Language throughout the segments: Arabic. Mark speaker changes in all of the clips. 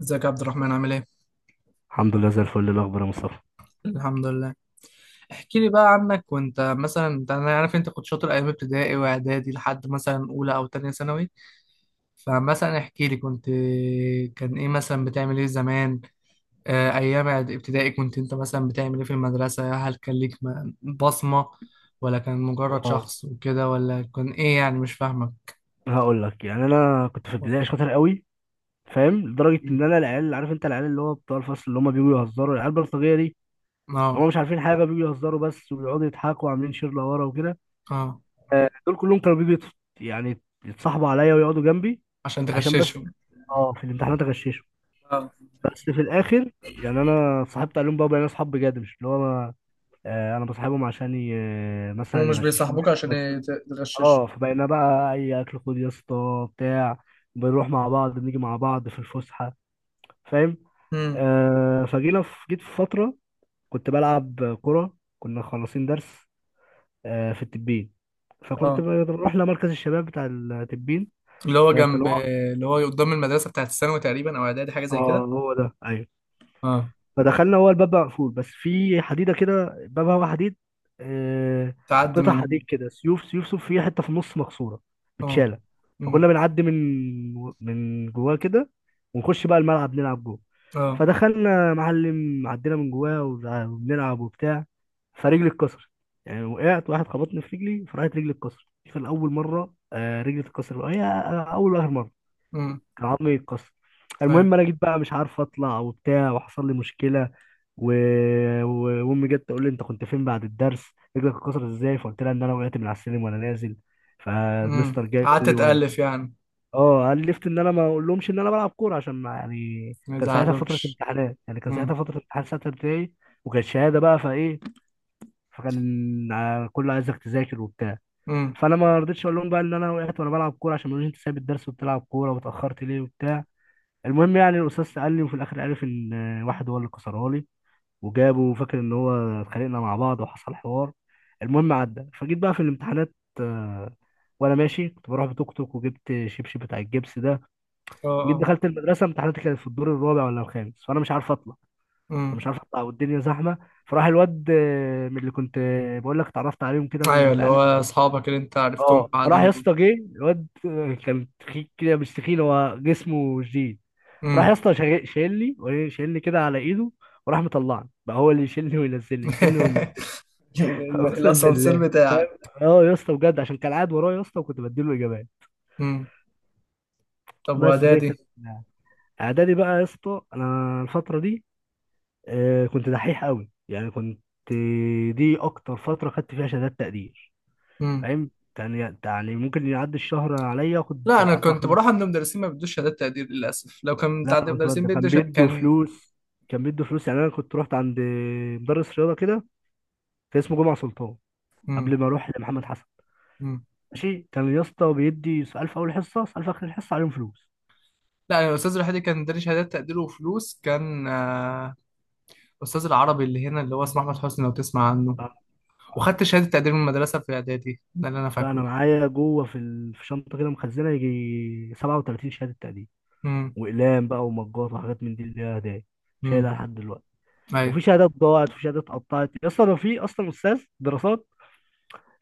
Speaker 1: ازيك يا عبد الرحمن، عامل ايه؟
Speaker 2: الحمد لله زي الفل. إيه الاخبار يا مصطفى؟
Speaker 1: الحمد لله. احكي لي بقى عنك. وانت مثلا انت انا عارف انت كنت شاطر ايام ابتدائي واعدادي لحد مثلا اولى او تانية ثانوي. فمثلا احكي لي كان ايه مثلا بتعمل ايه زمان؟ ايام ابتدائي انت مثلا بتعمل ايه في المدرسة؟ هل كان ليك بصمة، ولا كان مجرد
Speaker 2: اه
Speaker 1: شخص وكده، ولا كان ايه؟ يعني مش فاهمك.
Speaker 2: هقول لك، يعني انا كنت في البدايه شاطر قوي، فاهم؟ لدرجه
Speaker 1: مم.
Speaker 2: ان انا العيال، عارف انت، العيال اللي هو بتوع الفصل اللي هم بيجوا يهزروا، العيال البلطجيه دي،
Speaker 1: اه.
Speaker 2: هم مش عارفين حاجه، بيجوا يهزروا بس ويقعدوا يضحكوا وعاملين شير لورا وكده.
Speaker 1: اه.
Speaker 2: دول كلهم كانوا بيجوا يعني يتصاحبوا عليا ويقعدوا جنبي،
Speaker 1: عشان
Speaker 2: عشان بس
Speaker 1: تغششهم.
Speaker 2: اه في الامتحانات اغششهم.
Speaker 1: اه،
Speaker 2: بس في الاخر يعني انا اتصاحبت عليهم بقى، بقينا اصحاب بجد، مش اللي هو انا انا بصاحبهم عشان
Speaker 1: هم
Speaker 2: مثلا
Speaker 1: مش
Speaker 2: يغششوني.
Speaker 1: بيصاحبوك عشان
Speaker 2: اه
Speaker 1: تغششهم.
Speaker 2: فبقينا بقى اي اكل خد يا اسطى بتاع، بنروح مع بعض بنيجي مع بعض في الفسحه، فاهم. فجينا في جيت في فتره كنت بلعب كره، كنا خلصين درس في التبين، فكنت
Speaker 1: امم.
Speaker 2: بروح لمركز الشباب بتاع التبين.
Speaker 1: اللي هو
Speaker 2: ده كان
Speaker 1: جنب.
Speaker 2: هو.
Speaker 1: اللي هو قدام المدرسة بتاعت الثانوي تقريبا، أو إعدادي حاجة زي
Speaker 2: اه،
Speaker 1: كده.
Speaker 2: هو ده، ايوه.
Speaker 1: اه.
Speaker 2: فدخلنا، هو الباب بقى مقفول بس في حديده كده، بابها هو حديد، آه،
Speaker 1: تعدي
Speaker 2: قطع
Speaker 1: منها.
Speaker 2: حديد كده، سيوف سيوف سيوف، فيها حته في النص مكسوره
Speaker 1: اه.
Speaker 2: متشاله، فكنا
Speaker 1: أمم.
Speaker 2: بنعدي من جواه كده ونخش بقى الملعب نلعب جوه.
Speaker 1: اه.
Speaker 2: فدخلنا يا معلم عدينا من جواه وبنلعب وبتاع، فرجلي اتكسرت. يعني وقعت، واحد خبطني في رجلي، فراحت رجلي اتكسرت. دي كان اول مره رجلي اتكسرت هي، اول واخر مره
Speaker 1: أمم.
Speaker 2: كان عظمي اتكسر.
Speaker 1: أيوة.
Speaker 2: المهم انا جيت بقى مش عارف اطلع وبتاع، وحصل لي مشكله، و... وامي جت تقول لي انت كنت فين بعد الدرس، رجلك اتكسرت ازاي؟ فقلت لها ان انا وقعت من على السلم وانا نازل.
Speaker 1: أمم،
Speaker 2: فالمستر جاي يقول
Speaker 1: قعدت
Speaker 2: لي وان،
Speaker 1: تألف يعني.
Speaker 2: اه الفت ان انا ما اقولهمش ان انا بلعب كوره، عشان ما، يعني
Speaker 1: ما
Speaker 2: كان ساعتها فتره
Speaker 1: يزعلوكش.
Speaker 2: امتحانات، يعني كان ساعتها
Speaker 1: أمم.
Speaker 2: فتره امتحان سته ابتدائي، وكانت شهاده بقى، فايه، فكان كله عايزك تذاكر وبتاع.
Speaker 1: أمم.
Speaker 2: فانا ما رضيتش اقول لهم بقى ان انا وقعت وانا بلعب كوره، عشان ما يقولوش انت سايب الدرس وبتلعب كوره واتاخرت ليه وبتاع. المهم يعني الاستاذ قال لي، وفي الاخر عرف ان واحد هو اللي كسرها لي، وجابه، وفاكر ان هو اتخانقنا مع بعض وحصل حوار. المهم عدى. فجيت بقى في الامتحانات آه، وانا ماشي كنت بروح بتوك توك وجبت شبشب بتاع الجبس ده.
Speaker 1: اه.
Speaker 2: جيت
Speaker 1: اه.
Speaker 2: دخلت المدرسه، امتحاناتي كانت في الدور الرابع ولا الخامس، فانا مش عارف اطلع، انا مش
Speaker 1: أمم.
Speaker 2: عارف اطلع والدنيا زحمه. فراح الواد من اللي كنت بقول لك اتعرفت عليهم كده
Speaker 1: أيوة، اللي
Speaker 2: العيال.
Speaker 1: هو أصحابك اللي أنت عرفتهم
Speaker 2: اه راح
Speaker 1: بعدين
Speaker 2: يا
Speaker 1: دول.
Speaker 2: اسطى جه الواد كان تخين كده، مش تخين، هو جسمه جديد. راح يا
Speaker 1: أمم.
Speaker 2: اسطى شايلني شايلني كده على ايده، وراح مطلعني بقى، هو اللي يشيلني وينزلني، يشيلني وينزلني.
Speaker 1: ال-
Speaker 2: اقسم
Speaker 1: الأسانسير
Speaker 2: بالله،
Speaker 1: بتاعك.
Speaker 2: اه يا اسطى بجد، عشان كان قاعد ورايا يا اسطى وكنت بديله اجابات.
Speaker 1: أمم. طب
Speaker 2: بس دي كانت.
Speaker 1: وإعدادي؟
Speaker 2: اعدادي بقى يا اسطى انا الفتره دي كنت دحيح قوي، يعني كنت. دي اكتر فتره خدت فيها شهادات تقدير،
Speaker 1: أمم.
Speaker 2: فاهم، يعني ممكن يعدي الشهر عليا اخد
Speaker 1: لا، أنا
Speaker 2: اربع
Speaker 1: كنت بروح
Speaker 2: خمس.
Speaker 1: عند مدرسين ما بيدوش شهادات تقدير للأسف. لو كان بتاع
Speaker 2: لا
Speaker 1: عند
Speaker 2: انا كنت
Speaker 1: مدرسين
Speaker 2: بقدم،
Speaker 1: بيدوا
Speaker 2: كان
Speaker 1: شهادات
Speaker 2: بيدوا
Speaker 1: كان.
Speaker 2: فلوس، كان بيدوا فلوس. يعني انا كنت رحت عند مدرس رياضه كده، كان اسمه جمعه سلطان،
Speaker 1: أمم.
Speaker 2: قبل ما اروح لمحمد حسن. ماشي، كان يا اسطى بيدي سؤال في اول حصه، سؤال في اخر الحصه، عليهم فلوس.
Speaker 1: لا، يعني الاستاذ الوحيد اللي كان اداني شهادات تقدير وفلوس كان الاستاذ العربي اللي هنا، اللي هو اسمه احمد حسني، لو تسمع عنه. وخدت شهاده تقدير من المدرسه في اعدادي، ده اللي انا
Speaker 2: لا انا
Speaker 1: فاكره.
Speaker 2: معايا جوه في في شنطه كده مخزنه يجي 37 شهاده تقديم،
Speaker 1: امم.
Speaker 2: واقلام بقى ومجات وحاجات من دي اللي هي هدايا،
Speaker 1: امم.
Speaker 2: شايلها لحد دلوقتي.
Speaker 1: ايوه.
Speaker 2: وفي شهادات ضاعت وفي شهادات اتقطعت، اصلا في اصلا استاذ دراسات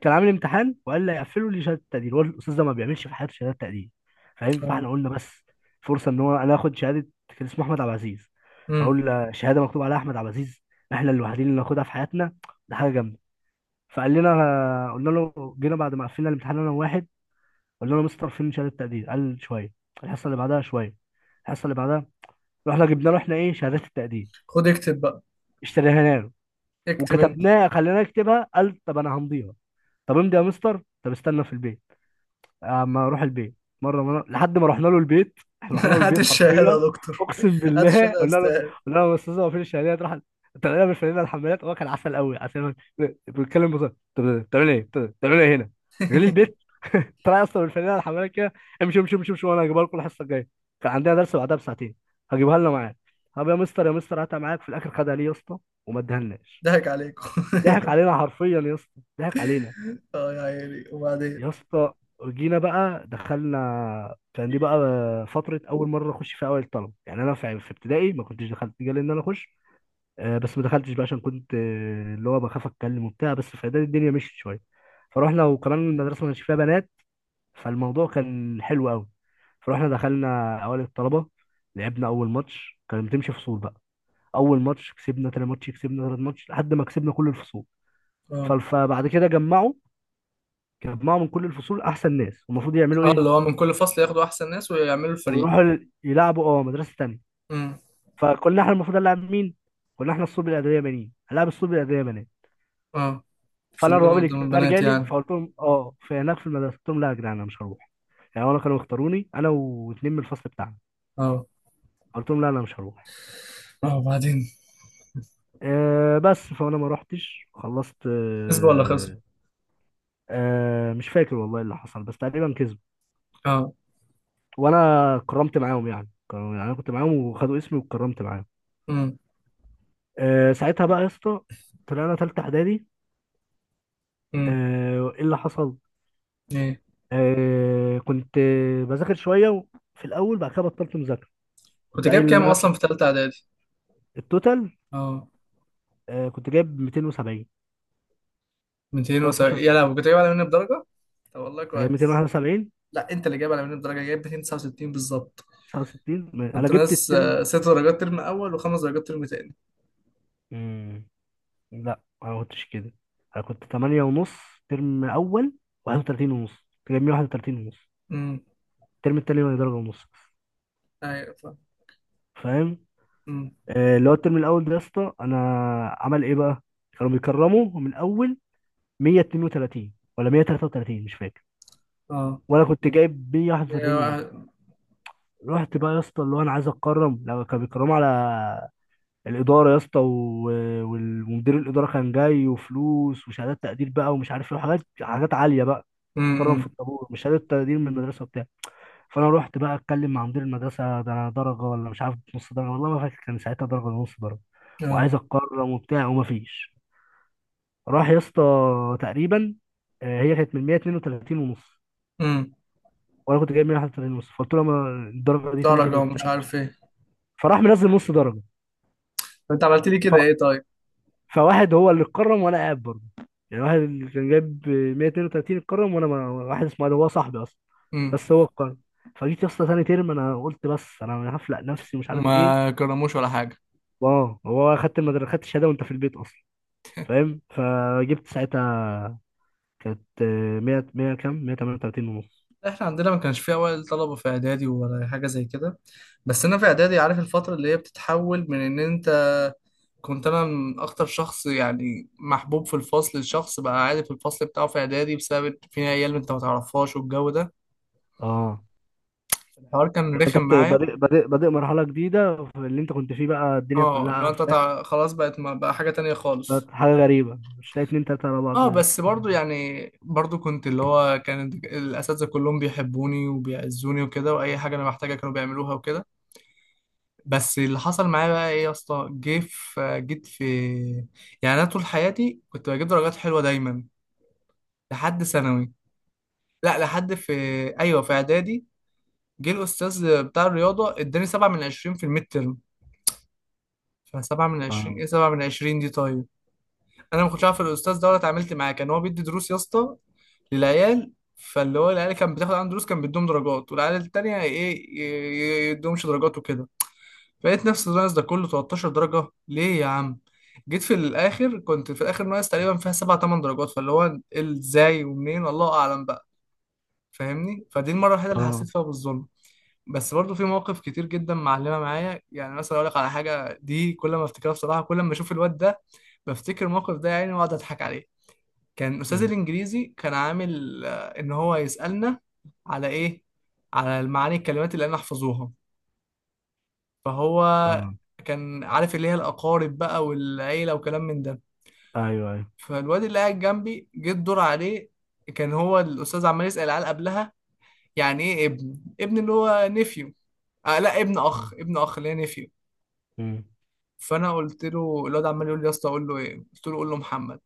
Speaker 2: كان عامل امتحان، وقال لي هيقفلوا لي شهاده تقدير، هو الاستاذ ده ما بيعملش في حياته شهادات تقدير، فاهم.
Speaker 1: اه.
Speaker 2: فاحنا قلنا بس فرصه ان هو انا اخد شهاده. كان اسمه احمد عبد العزيز،
Speaker 1: امم.
Speaker 2: فاقول له شهاده مكتوب عليها احمد عبد العزيز، احنا الوحيدين اللي ناخدها في حياتنا، ده حاجه جامده. فقال لنا، قلنا له جينا بعد ما قفلنا الامتحان انا وواحد، قلنا له مستر فيلم شهاده تقدير. قال شويه. الحصه اللي بعدها شويه. الحصه اللي بعدها. رحنا جبنا له احنا ايه، شهادات التقدير،
Speaker 1: خد اكتب بقى.
Speaker 2: اشتريها له،
Speaker 1: اكتب انت.
Speaker 2: وكتبناها خليناه يكتبها. قال طب انا همضيها. طب امضي يا مستر. طب استنى في البيت، اما اروح البيت. مره مره لحد ما رحنا له البيت، احنا رحنا له
Speaker 1: هات
Speaker 2: البيت
Speaker 1: الشهادة
Speaker 2: حرفيا،
Speaker 1: يا دكتور.
Speaker 2: اقسم
Speaker 1: هات
Speaker 2: بالله.
Speaker 1: الشهادة يا
Speaker 2: قلنا له،
Speaker 1: استاذ.
Speaker 2: قلنا له يا استاذ هو فين الشهادات؟ راح طلعنا بالفانله الحمالات، هو كان عسل قوي عسل، بيتكلم بصراحه. طب بتعمل ايه، طب بتعمل ايه هنا، جالي البيت؟ طلع اصلا بالفانله الحمالات كده، امشي امشي امشي امشي، وانا هجيبها لكم الحصه الجايه. كان عندنا درس بعدها بساعتين، هجيبها لنا معاك. طب يا مستر يا مستر هاتها معاك. في الاخر خدها ليه يا اسطى، وما ادهالناش.
Speaker 1: ضحك عليكم.
Speaker 2: ضحك علينا حرفيا يا اسطى، ضحك علينا
Speaker 1: اه يا عيني، وبعدين؟
Speaker 2: يا اسطى. جينا بقى دخلنا. كان دي بقى فترة أول مرة أخش فيها أوائل الطلبة، يعني أنا في ابتدائي ما كنتش دخلت، جالي إن أنا أخش، بس ما دخلتش بقى عشان كنت اللي هو بخاف أتكلم وبتاع، بس في إعدادي الدنيا مشيت شوية. فروحنا، وكمان المدرسة ما كانش فيها بنات، فالموضوع كان حلو أوي. فروحنا دخلنا أوائل الطلبة. لعبنا أول ماتش، كان بتمشي فصول بقى، أول ماتش كسبنا، تاني ماتش كسبنا، تالت ماتش، لحد ما كسبنا كل الفصول.
Speaker 1: اه.
Speaker 2: فبعد كده جمعوا من كل الفصول أحسن ناس، والمفروض يعملوا
Speaker 1: اه،
Speaker 2: إيه،
Speaker 1: اللي هو من كل فصل ياخدوا احسن ناس ويعملوا الفريق.
Speaker 2: ويروحوا يلعبوا مدرسه تانيه.
Speaker 1: امم.
Speaker 2: فكنا احنا المفروض نلعب مين؟ كنا احنا الصلب الادبيه بنين، هنلعب الصلب الادبيه بنات.
Speaker 1: اه،
Speaker 2: فانا
Speaker 1: صبيان
Speaker 2: الرواب
Speaker 1: قدام
Speaker 2: الاجتماعي
Speaker 1: البنات
Speaker 2: رجالي،
Speaker 1: يعني.
Speaker 2: فقلت لهم في هناك في المدرسه، قلت لهم لا يا جدعان انا مش هروح. يعني انا كانوا يختاروني انا واتنين من الفصل بتاعنا.
Speaker 1: اه.
Speaker 2: قلت لهم لا انا مش هروح.
Speaker 1: اه، وبعدين؟
Speaker 2: أه بس فانا ما رحتش، خلصت.
Speaker 1: كسبوا ولا خسروا؟
Speaker 2: أه مش فاكر والله إيه اللي حصل، بس تقريبا كسبوا،
Speaker 1: اه.
Speaker 2: وانا اتكرمت معاهم، يعني كانوا، يعني انا كنت معاهم وخدوا اسمي واتكرمت معاهم.
Speaker 1: امم.
Speaker 2: أه ساعتها بقى يا اسطى طلعنا تالتة اعدادي.
Speaker 1: امم.
Speaker 2: ايه اللي حصل؟
Speaker 1: ايه؟
Speaker 2: كنت بذاكر شويه في الاول، بعد كده بطلت مذاكره.
Speaker 1: كنت
Speaker 2: كنت
Speaker 1: جايب
Speaker 2: قايل ان
Speaker 1: كام
Speaker 2: انا.
Speaker 1: اصلا في ثالثه اعدادي؟
Speaker 2: في التوتال
Speaker 1: اه.
Speaker 2: كنت جايب 270. بلس عشان
Speaker 1: 270؟ يا لهوي، كنت جايب اعلى مني بدرجه. طب والله
Speaker 2: جايب
Speaker 1: كويس.
Speaker 2: 271،
Speaker 1: لا، انت اللي جايب اعلى مني بدرجه، جايب 269 بالظبط.
Speaker 2: 69 انا
Speaker 1: كنت
Speaker 2: جبت
Speaker 1: ناس
Speaker 2: الترم.
Speaker 1: 6 درجات ترم اول، وخمس درجات ترم تاني.
Speaker 2: مم. لا انا ما كنتش كده، انا كنت 8 ونص ترم اول، 31 ونص كنت جايب 131 ونص
Speaker 1: امم.
Speaker 2: الترم التاني، وانا درجه ونص بس،
Speaker 1: ايوه فاهم.
Speaker 2: فاهم.
Speaker 1: امم.
Speaker 2: اللي هو الترم الاول ده يا اسطى، انا عمل ايه بقى، كانوا بيكرموا من اول 132 ولا 133 مش فاكر،
Speaker 1: اه.
Speaker 2: وانا كنت جايب 141 ونص. رحت بقى يا اسطى اللي هو انا عايز اتكرم، لو كانوا بيكرموا على الاداره يا اسطى، ومدير الاداره كان جاي، وفلوس وشهادات تقدير بقى ومش عارف ايه وحاجات، حاجات عاليه بقى، تتكرم في
Speaker 1: امم.
Speaker 2: الطابور، مش شهاده تقدير من المدرسه وبتاع. فانا رحت بقى اتكلم مع مدير المدرسه، ده انا درجه ولا مش عارف نص درجه، والله ما فاكر كان ساعتها درجه ولا نص درجه،
Speaker 1: اه.
Speaker 2: وعايز اتكرم وبتاع، ومفيش. راح يا اسطى تقريبا هي كانت من 132 ونص،
Speaker 1: امم.
Speaker 2: وانا كنت جايب 181 ونص، فقلت له ما الدرجه دي تنزل
Speaker 1: درجه
Speaker 2: وبتاع
Speaker 1: ومش
Speaker 2: مش
Speaker 1: عارف
Speaker 2: عارف.
Speaker 1: ايه.
Speaker 2: فراح منزل نص درجه.
Speaker 1: طب انت عملت لي
Speaker 2: ف...
Speaker 1: كده ايه طيب؟
Speaker 2: فواحد هو اللي اتكرم، وانا قاعد برضه، يعني واحد اللي كان جايب 132 اتكرم، وانا ما... واحد اسمه علي هو صاحبي اصلا،
Speaker 1: امم.
Speaker 2: بس هو اتكرم. فجيت يا اسطى تاني ترم، انا قلت بس انا هفلق نفسي ومش عارف ايه.
Speaker 1: وما كرموش ولا حاجه؟
Speaker 2: اه هو خدت المدرسه خدت الشهاده وانت في البيت اصلا، فاهم. فجبت ساعتها، كانت 100، 100 كام، 138 ونص.
Speaker 1: احنا عندنا ما كانش فيه اوائل طلبه في اعدادي ولا حاجه زي كده. بس انا في اعدادي عارف الفتره اللي هي بتتحول من ان انت. كنت انا من اكتر شخص يعني محبوب في الفصل، الشخص بقى عادي في الفصل بتاعه في اعدادي، بسبب إن في عيال انت ما تعرفهاش والجو ده.
Speaker 2: اه
Speaker 1: الحوار
Speaker 2: لو
Speaker 1: كان
Speaker 2: انت
Speaker 1: رخم
Speaker 2: بت-
Speaker 1: معايا.
Speaker 2: بادئ بادئ بادئ مرحله جديده في اللي انت كنت فيه، بقى الدنيا
Speaker 1: اه،
Speaker 2: كلها
Speaker 1: اللي هو انت
Speaker 2: عارفه.
Speaker 1: خلاص بقت، ما بقى حاجه تانية خالص.
Speaker 2: بالظبط، حاجة غريبة، مش لاقي اتنين تلاتة على بعض
Speaker 1: اه بس برضو،
Speaker 2: تتكلم.
Speaker 1: يعني برضو كنت اللي هو كان الاساتذه كلهم بيحبوني وبيعزوني وكده، واي حاجه انا محتاجها كانوا بيعملوها وكده. بس اللي حصل معايا بقى ايه يا اسطى، جه في جيت في يعني انا طول حياتي كنت بجيب درجات حلوه دايما لحد ثانوي. لا، لحد في. ايوه، في اعدادي. جه الاستاذ بتاع الرياضه اداني سبعة من عشرين في الميد ترم. فسبعة من عشرين، ايه سبعة من عشرين دي طيب؟ انا ما كنتش عارف الاستاذ ده ولا اتعاملت معاه. كان هو بيدي دروس يا اسطى للعيال، فاللي هو العيال كان بتاخد عنده دروس كان بيدوهم درجات، والعيال التانية ايه يدوهمش درجات وكده. فلقيت نفسي ناقص ده كله 13 درجة. ليه يا عم؟ جيت في الآخر، كنت في الآخر ناقص تقريبا فيها 7 8 درجات. فاللي هو ازاي ومنين، الله أعلم بقى. فاهمني، فدي المرة الوحيدة اللي
Speaker 2: اه.
Speaker 1: حسيت فيها بالظلم. بس برضه في مواقف كتير جدا معلمة معايا. يعني مثلا أقول لك على حاجة، دي كل ما أفتكرها بصراحة، كل ما أشوف الواد ده بفتكر الموقف ده، يعني وأقعد أضحك عليه. كان أستاذ
Speaker 2: مم.
Speaker 1: الإنجليزي كان عامل إن هو يسألنا على إيه؟ على معاني الكلمات اللي أنا أحفظوها. فهو
Speaker 2: اه،
Speaker 1: كان عارف اللي هي الأقارب بقى والعيلة وكلام من ده.
Speaker 2: ايوه ايوه.
Speaker 1: فالواد اللي قاعد جنبي جه الدور عليه. كان هو الأستاذ عمال يسأل العيال قبلها، يعني إيه ابن؟ ابن اللي هو نفيو. آه لا، ابن أخ،
Speaker 2: مم.
Speaker 1: ابن أخ اللي هي نفيو.
Speaker 2: مم.
Speaker 1: فأنا قلت له، الواد عمال يقول لي يا اسطى أقول له إيه؟ قلت له قول له محمد.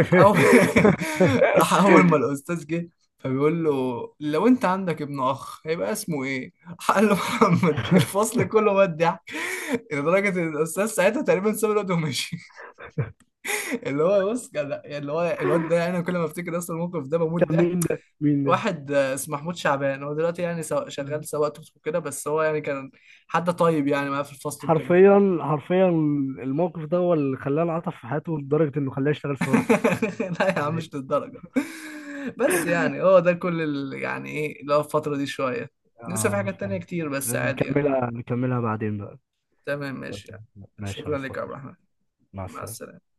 Speaker 1: راح اول راح اول ما الاستاذ جه فبيقول له، لو انت عندك ابن اخ هيبقى اسمه ايه؟ راح قال له محمد. الفصل كله مات ضحك، لدرجه ان الاستاذ ساعتها تقريبا ساب الواد ومشي. اللي هو بص، كان اللي هو الواد ده، يعني انا كل ما افتكر اصلا الموقف ده بموت.
Speaker 2: كان
Speaker 1: ده
Speaker 2: مين ده؟ مين ده؟
Speaker 1: واحد اسمه محمود شعبان، هو دلوقتي يعني
Speaker 2: آه.
Speaker 1: شغال سواق توك توك كده. بس هو يعني كان حد طيب يعني، معاه في الفصل وكده.
Speaker 2: حرفيا حرفيا، الموقف ده هو اللي خلاه انعطف في حياته، لدرجة انه خلاه يشتغل سواق توك
Speaker 1: لا يا عم،
Speaker 2: توك.
Speaker 1: مش للدرجة. بس يعني هو ده كل يعني ايه اللي هو الفترة دي شوية. لسه في
Speaker 2: اه،
Speaker 1: حاجات تانية
Speaker 2: فاهم.
Speaker 1: كتير بس عادي يعني.
Speaker 2: نكملها نكملها بعدين بقى.
Speaker 1: تمام ماشي يعني.
Speaker 2: ماشي يا
Speaker 1: شكرا لك يا عبد
Speaker 2: مصطفى.
Speaker 1: الرحمن.
Speaker 2: مع
Speaker 1: مع
Speaker 2: السلامة.
Speaker 1: السلامة.